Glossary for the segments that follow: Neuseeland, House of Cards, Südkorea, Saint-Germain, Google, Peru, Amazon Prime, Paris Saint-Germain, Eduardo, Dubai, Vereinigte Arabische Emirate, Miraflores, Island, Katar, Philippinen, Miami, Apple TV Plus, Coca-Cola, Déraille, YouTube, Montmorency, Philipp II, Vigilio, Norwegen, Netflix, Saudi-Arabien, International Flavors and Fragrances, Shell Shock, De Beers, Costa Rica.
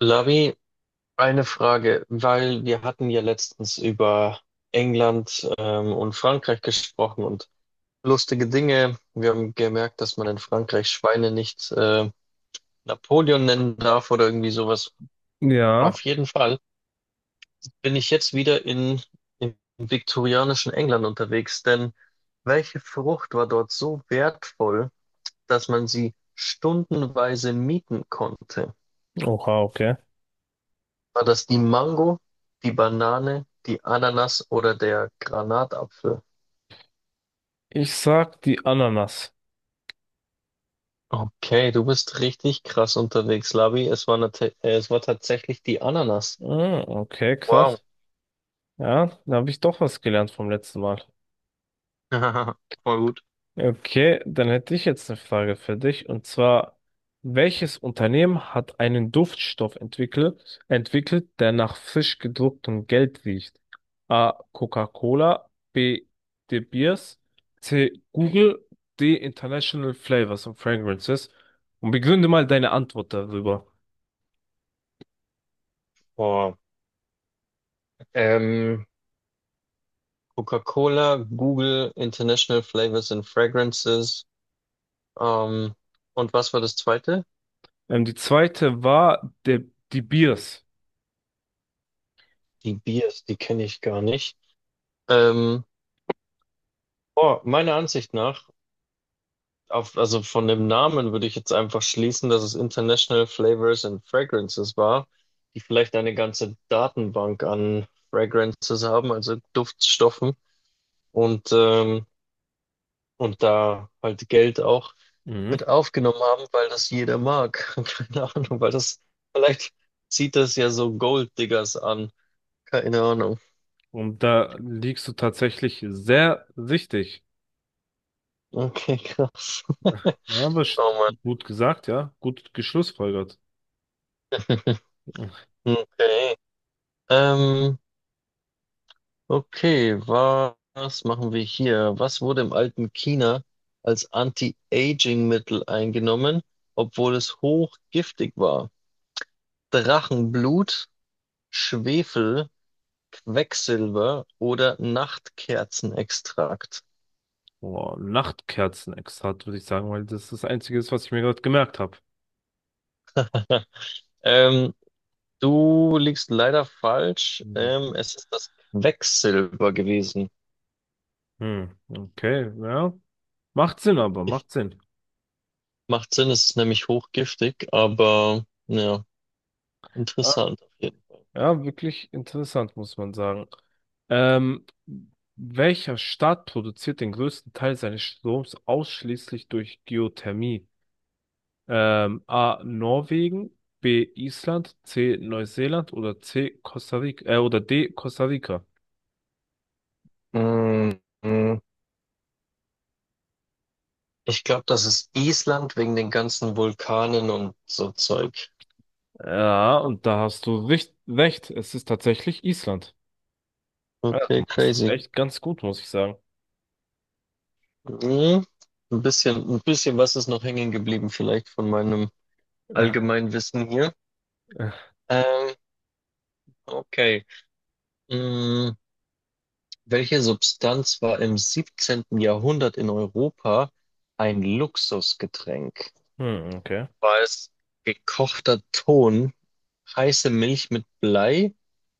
Lavi, eine Frage, weil wir hatten ja letztens über England und Frankreich gesprochen und lustige Dinge. Wir haben gemerkt, dass man in Frankreich Schweine nicht Napoleon nennen darf oder irgendwie sowas. Ja, Auf jeden Fall bin ich jetzt wieder im viktorianischen England unterwegs, denn welche Frucht war dort so wertvoll, dass man sie stundenweise mieten konnte? oha, okay. War das die Mango, die Banane, die Ananas oder der Granatapfel? Ich sag die Ananas. Okay, du bist richtig krass unterwegs, Labi. Es war, es war tatsächlich die Ananas. Ah, okay, Wow. krass. Ja, da habe ich doch was gelernt vom letzten Mal. Voll gut. Okay, dann hätte ich jetzt eine Frage für dich. Und zwar, welches Unternehmen hat einen Duftstoff entwickelt, der nach frisch gedrucktem Geld riecht? A. Coca-Cola, B. De Beers, C. Google, D. International Flavors and Fragrances. Und begründe mal deine Antwort darüber. Boah. Ähm, Coca-Cola, Google, International Flavors and Fragrances. Ähm, und was war das zweite? Die zweite war die Biers. Die Biers, die kenne ich gar nicht. Ähm, boah, meiner Ansicht nach also von dem Namen würde ich jetzt einfach schließen, dass es International Flavors and Fragrances war, die vielleicht eine ganze Datenbank an Fragrances haben, also Duftstoffen und, ähm, und da halt Geld auch Mhm. mit aufgenommen haben, weil das jeder mag. Keine Ahnung, weil das vielleicht zieht das ja so Golddiggers an. Keine Ahnung. Und da liegst du tatsächlich sehr richtig. Okay, krass. Ja, aber Oh Mann. gut gesagt, ja. Gut geschlussfolgert. Okay. Ähm, okay, was machen wir hier? Was wurde im alten China als Anti-Aging-Mittel eingenommen, obwohl es hochgiftig war? Drachenblut, Schwefel, Quecksilber oder Nachtkerzenextrakt? Boah, Nachtkerzenextrakt, würde ich sagen, weil das Einzige ist, was ich mir gerade gemerkt habe. Ähm, du liegst leider falsch. Mhm. Es ist das Quecksilber gewesen. Hm, okay, ja. Macht Sinn, aber Ich, macht Sinn. macht Sinn, es ist nämlich hochgiftig, aber ja, Ja, interessant auf jeden ja, wirklich interessant, muss man sagen. Ähm, Welcher Staat produziert den größten Teil seines Stroms ausschließlich durch Geothermie? A. Norwegen, B. Island, C. Neuseeland oder C. Costa Rica, oder D. Costa Rica. Fall. Mm, mm. Ich glaube, das ist Island wegen den ganzen Vulkanen und so Zeug. Ja, und da hast du recht. Es ist tatsächlich Island. Ja, du Okay, machst es crazy. echt ganz gut, muss ich sagen. Mhm. Ein bisschen was ist noch hängen geblieben, vielleicht von meinem Äh, allgemeinen Wissen hier. äh. Ähm, okay. Mhm. Welche Substanz war im 17. Jahrhundert in Europa ein Luxusgetränk? Hm, okay. War es gekochter Ton, heiße Milch mit Blei,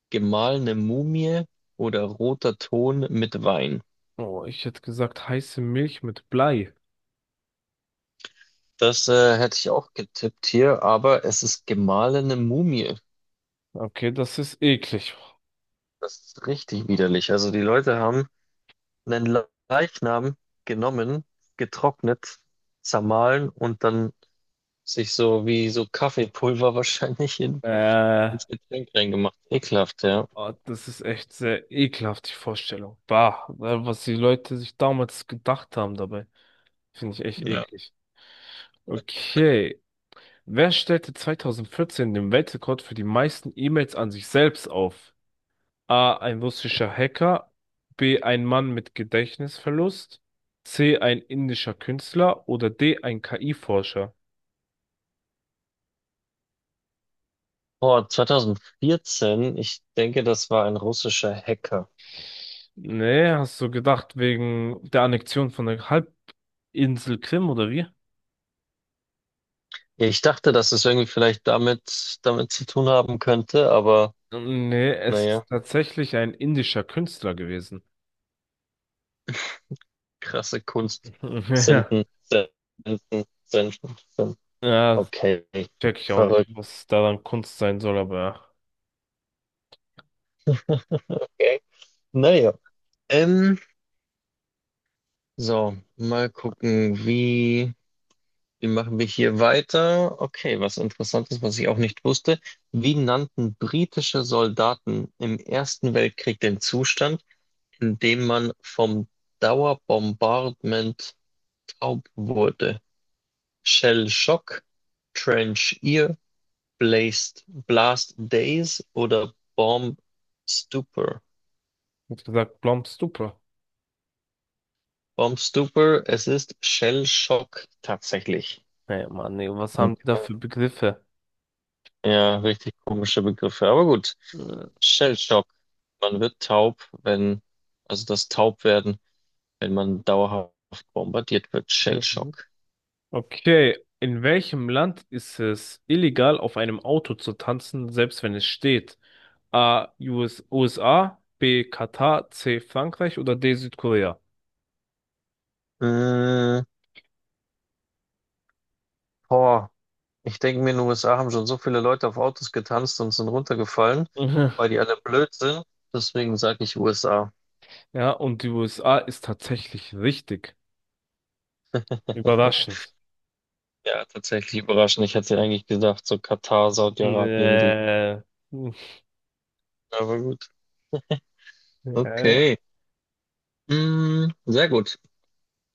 gemahlene Mumie oder roter Ton mit Wein? Oh, ich hätte gesagt heiße Milch mit Blei. Das hätte ich auch getippt hier, aber es ist gemahlene Mumie. Okay, das ist eklig. Das ist richtig widerlich. Also die Leute haben einen Leichnam genommen, getrocknet, zermahlen und dann sich so wie so Kaffeepulver wahrscheinlich Äh, ins Getränk reingemacht. Ekelhaft, oh, ja. oh, das ist echt sehr ekelhaft, die Vorstellung. Bah, was die Leute sich damals gedacht haben dabei, finde ich echt Ja. eklig. Okay, wer stellte 2014 den Weltrekord für die meisten E-Mails an sich selbst auf? A. Ein russischer Hacker. B. Ein Mann mit Gedächtnisverlust. C. Ein indischer Künstler. Oder D. Ein KI-Forscher. Oh, 2014, ich denke, das war ein russischer Hacker. Nee, hast du gedacht wegen der Annexion von der Halbinsel Krim oder wie? Ja, ich dachte, dass es irgendwie vielleicht damit zu tun haben könnte, aber Nee, es naja. ist tatsächlich ein indischer Künstler gewesen. Krasse Kunst. Senden, senden, senden, senden. Ja, ja, Okay, check ich auch nicht, verrückt. was daran Kunst sein soll, aber ja. Okay. Naja, ähm, so, mal gucken, wie machen wir hier weiter? Okay, was Interessantes, was ich auch nicht wusste. Wie nannten britische Soldaten im Ersten Weltkrieg den Zustand, in dem man vom Dauerbombardment taub wurde? Shell Shock, Trench Ear, Blast Days oder Bomb Stupor. Wie gesagt, Blom Stupor. Bomb Stupor, es ist Shell Shock tatsächlich. Ey, Mann, ey, was Okay. haben die da für Begriffe? Ja, richtig komische Begriffe, aber gut. Äh, Shell Shock. Man wird taub, wenn, also das Taubwerden, wenn man dauerhaft bombardiert wird. Shell Mhm. Shock. Okay, in welchem Land ist es illegal, auf einem Auto zu tanzen, selbst wenn es steht? A. U. S. USA, B. Katar, C. Frankreich oder D. Südkorea? Mm, boah, ich denke mir, in den USA haben schon so viele Leute auf Autos getanzt und sind runtergefallen, Mhm. weil die alle blöd sind. Deswegen sage ich USA. Ja, und die USA ist tatsächlich richtig. Überraschend. Ja, tatsächlich überraschend. Ich hätte eigentlich gedacht, so Katar, Saudi-Arabien, die. Nee. Hm, Aber gut. ja. Okay. Mm, sehr gut.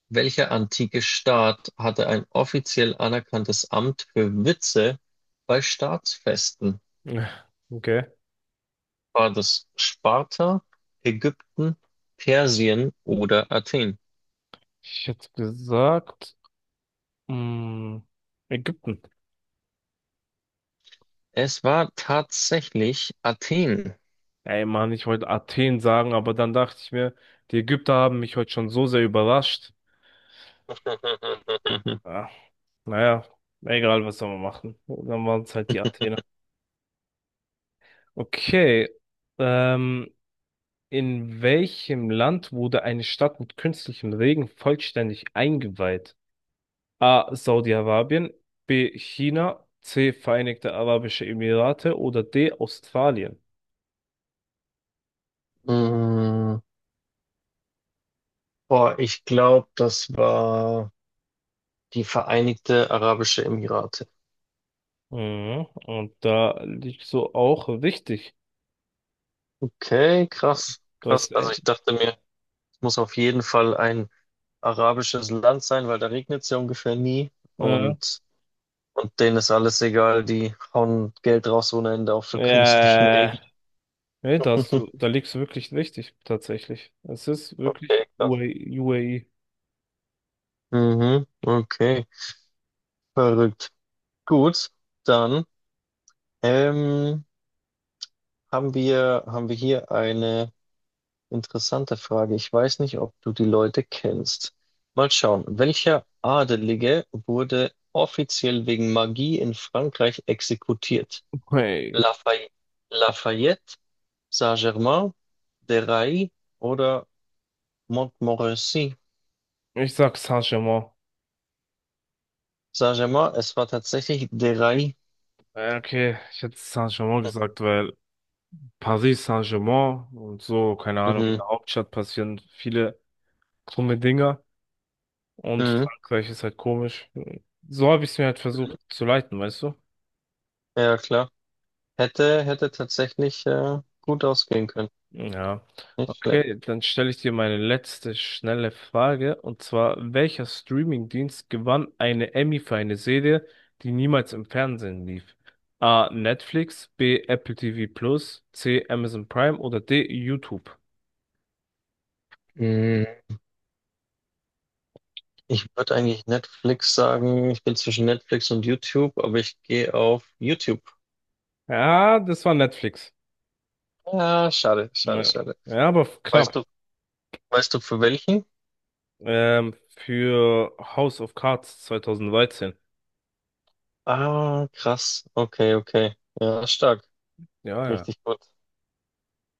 Welcher antike Staat hatte ein offiziell anerkanntes Amt für Witze bei Staatsfesten? Okay. War das Sparta, Ägypten, Persien oder Athen? Ich hätte gesagt, mh, Ägypten. Es war tatsächlich Athen. Ey Mann, ich wollte Athen sagen, aber dann dachte ich mir, die Ägypter haben mich heute schon so sehr überrascht. Ah, naja, egal, was soll man machen. Dann waren es halt die Athener. Okay, ähm, in welchem Land wurde eine Stadt mit künstlichem Regen vollständig eingeweiht? A. Saudi-Arabien, B. China, C. Vereinigte Arabische Emirate oder D. Australien. Mm, boah, ich glaube, das war die Vereinigte Arabische Emirate. Mhm, und da liegst du auch richtig. Okay, krass, Du hast krass. Also ich ein, dachte mir, es muss auf jeden Fall ein arabisches Land sein, weil da regnet es ja ungefähr nie äh, und, und denen ist alles egal, die hauen Geld raus ohne Ende auch für künstlichen Äh, Regen. nee, da liegst du wirklich richtig, tatsächlich. Es ist wirklich Okay, krass. UAE. UAE. Mhm, okay, verrückt. Gut, dann ähm, haben wir hier eine interessante Frage. Ich weiß nicht, ob du die Leute kennst. Mal schauen. Welcher Adelige wurde offiziell wegen Magie in Frankreich exekutiert? Hey, Lafay Lafayette, Saint-Germain, Déraille oder Montmorency? ich sag Saint-Germain. Saint-Germain, es war tatsächlich Déraille. Okay, ich hätte Saint-Germain gesagt, weil Paris Saint-Germain und so, keine Ahnung, in Mhm. der Hauptstadt passieren viele krumme Dinger und Mhm. Frankreich ist halt komisch. So habe ich es mir halt versucht zu leiten, weißt du? Ja, klar. Hätte tatsächlich gut ausgehen können. Ja, Nicht schlecht. okay, dann stelle ich dir meine letzte schnelle Frage. Und zwar, welcher Streamingdienst gewann eine Emmy für eine Serie, die niemals im Fernsehen lief? A. Netflix, B. Apple TV Plus, C. Amazon Prime oder D. YouTube? Mhm. Ich würde eigentlich Netflix sagen. Ich bin zwischen Netflix und YouTube, aber ich gehe auf YouTube. Ja, das war Netflix. Ja, schade, schade, Ja, schade. ja, aber Weißt knapp. du, weißt du für welchen? Für House of Cards 2013. Ah, krass. Okay, okay. Ja, stark. Ja, ja. Richtig gut.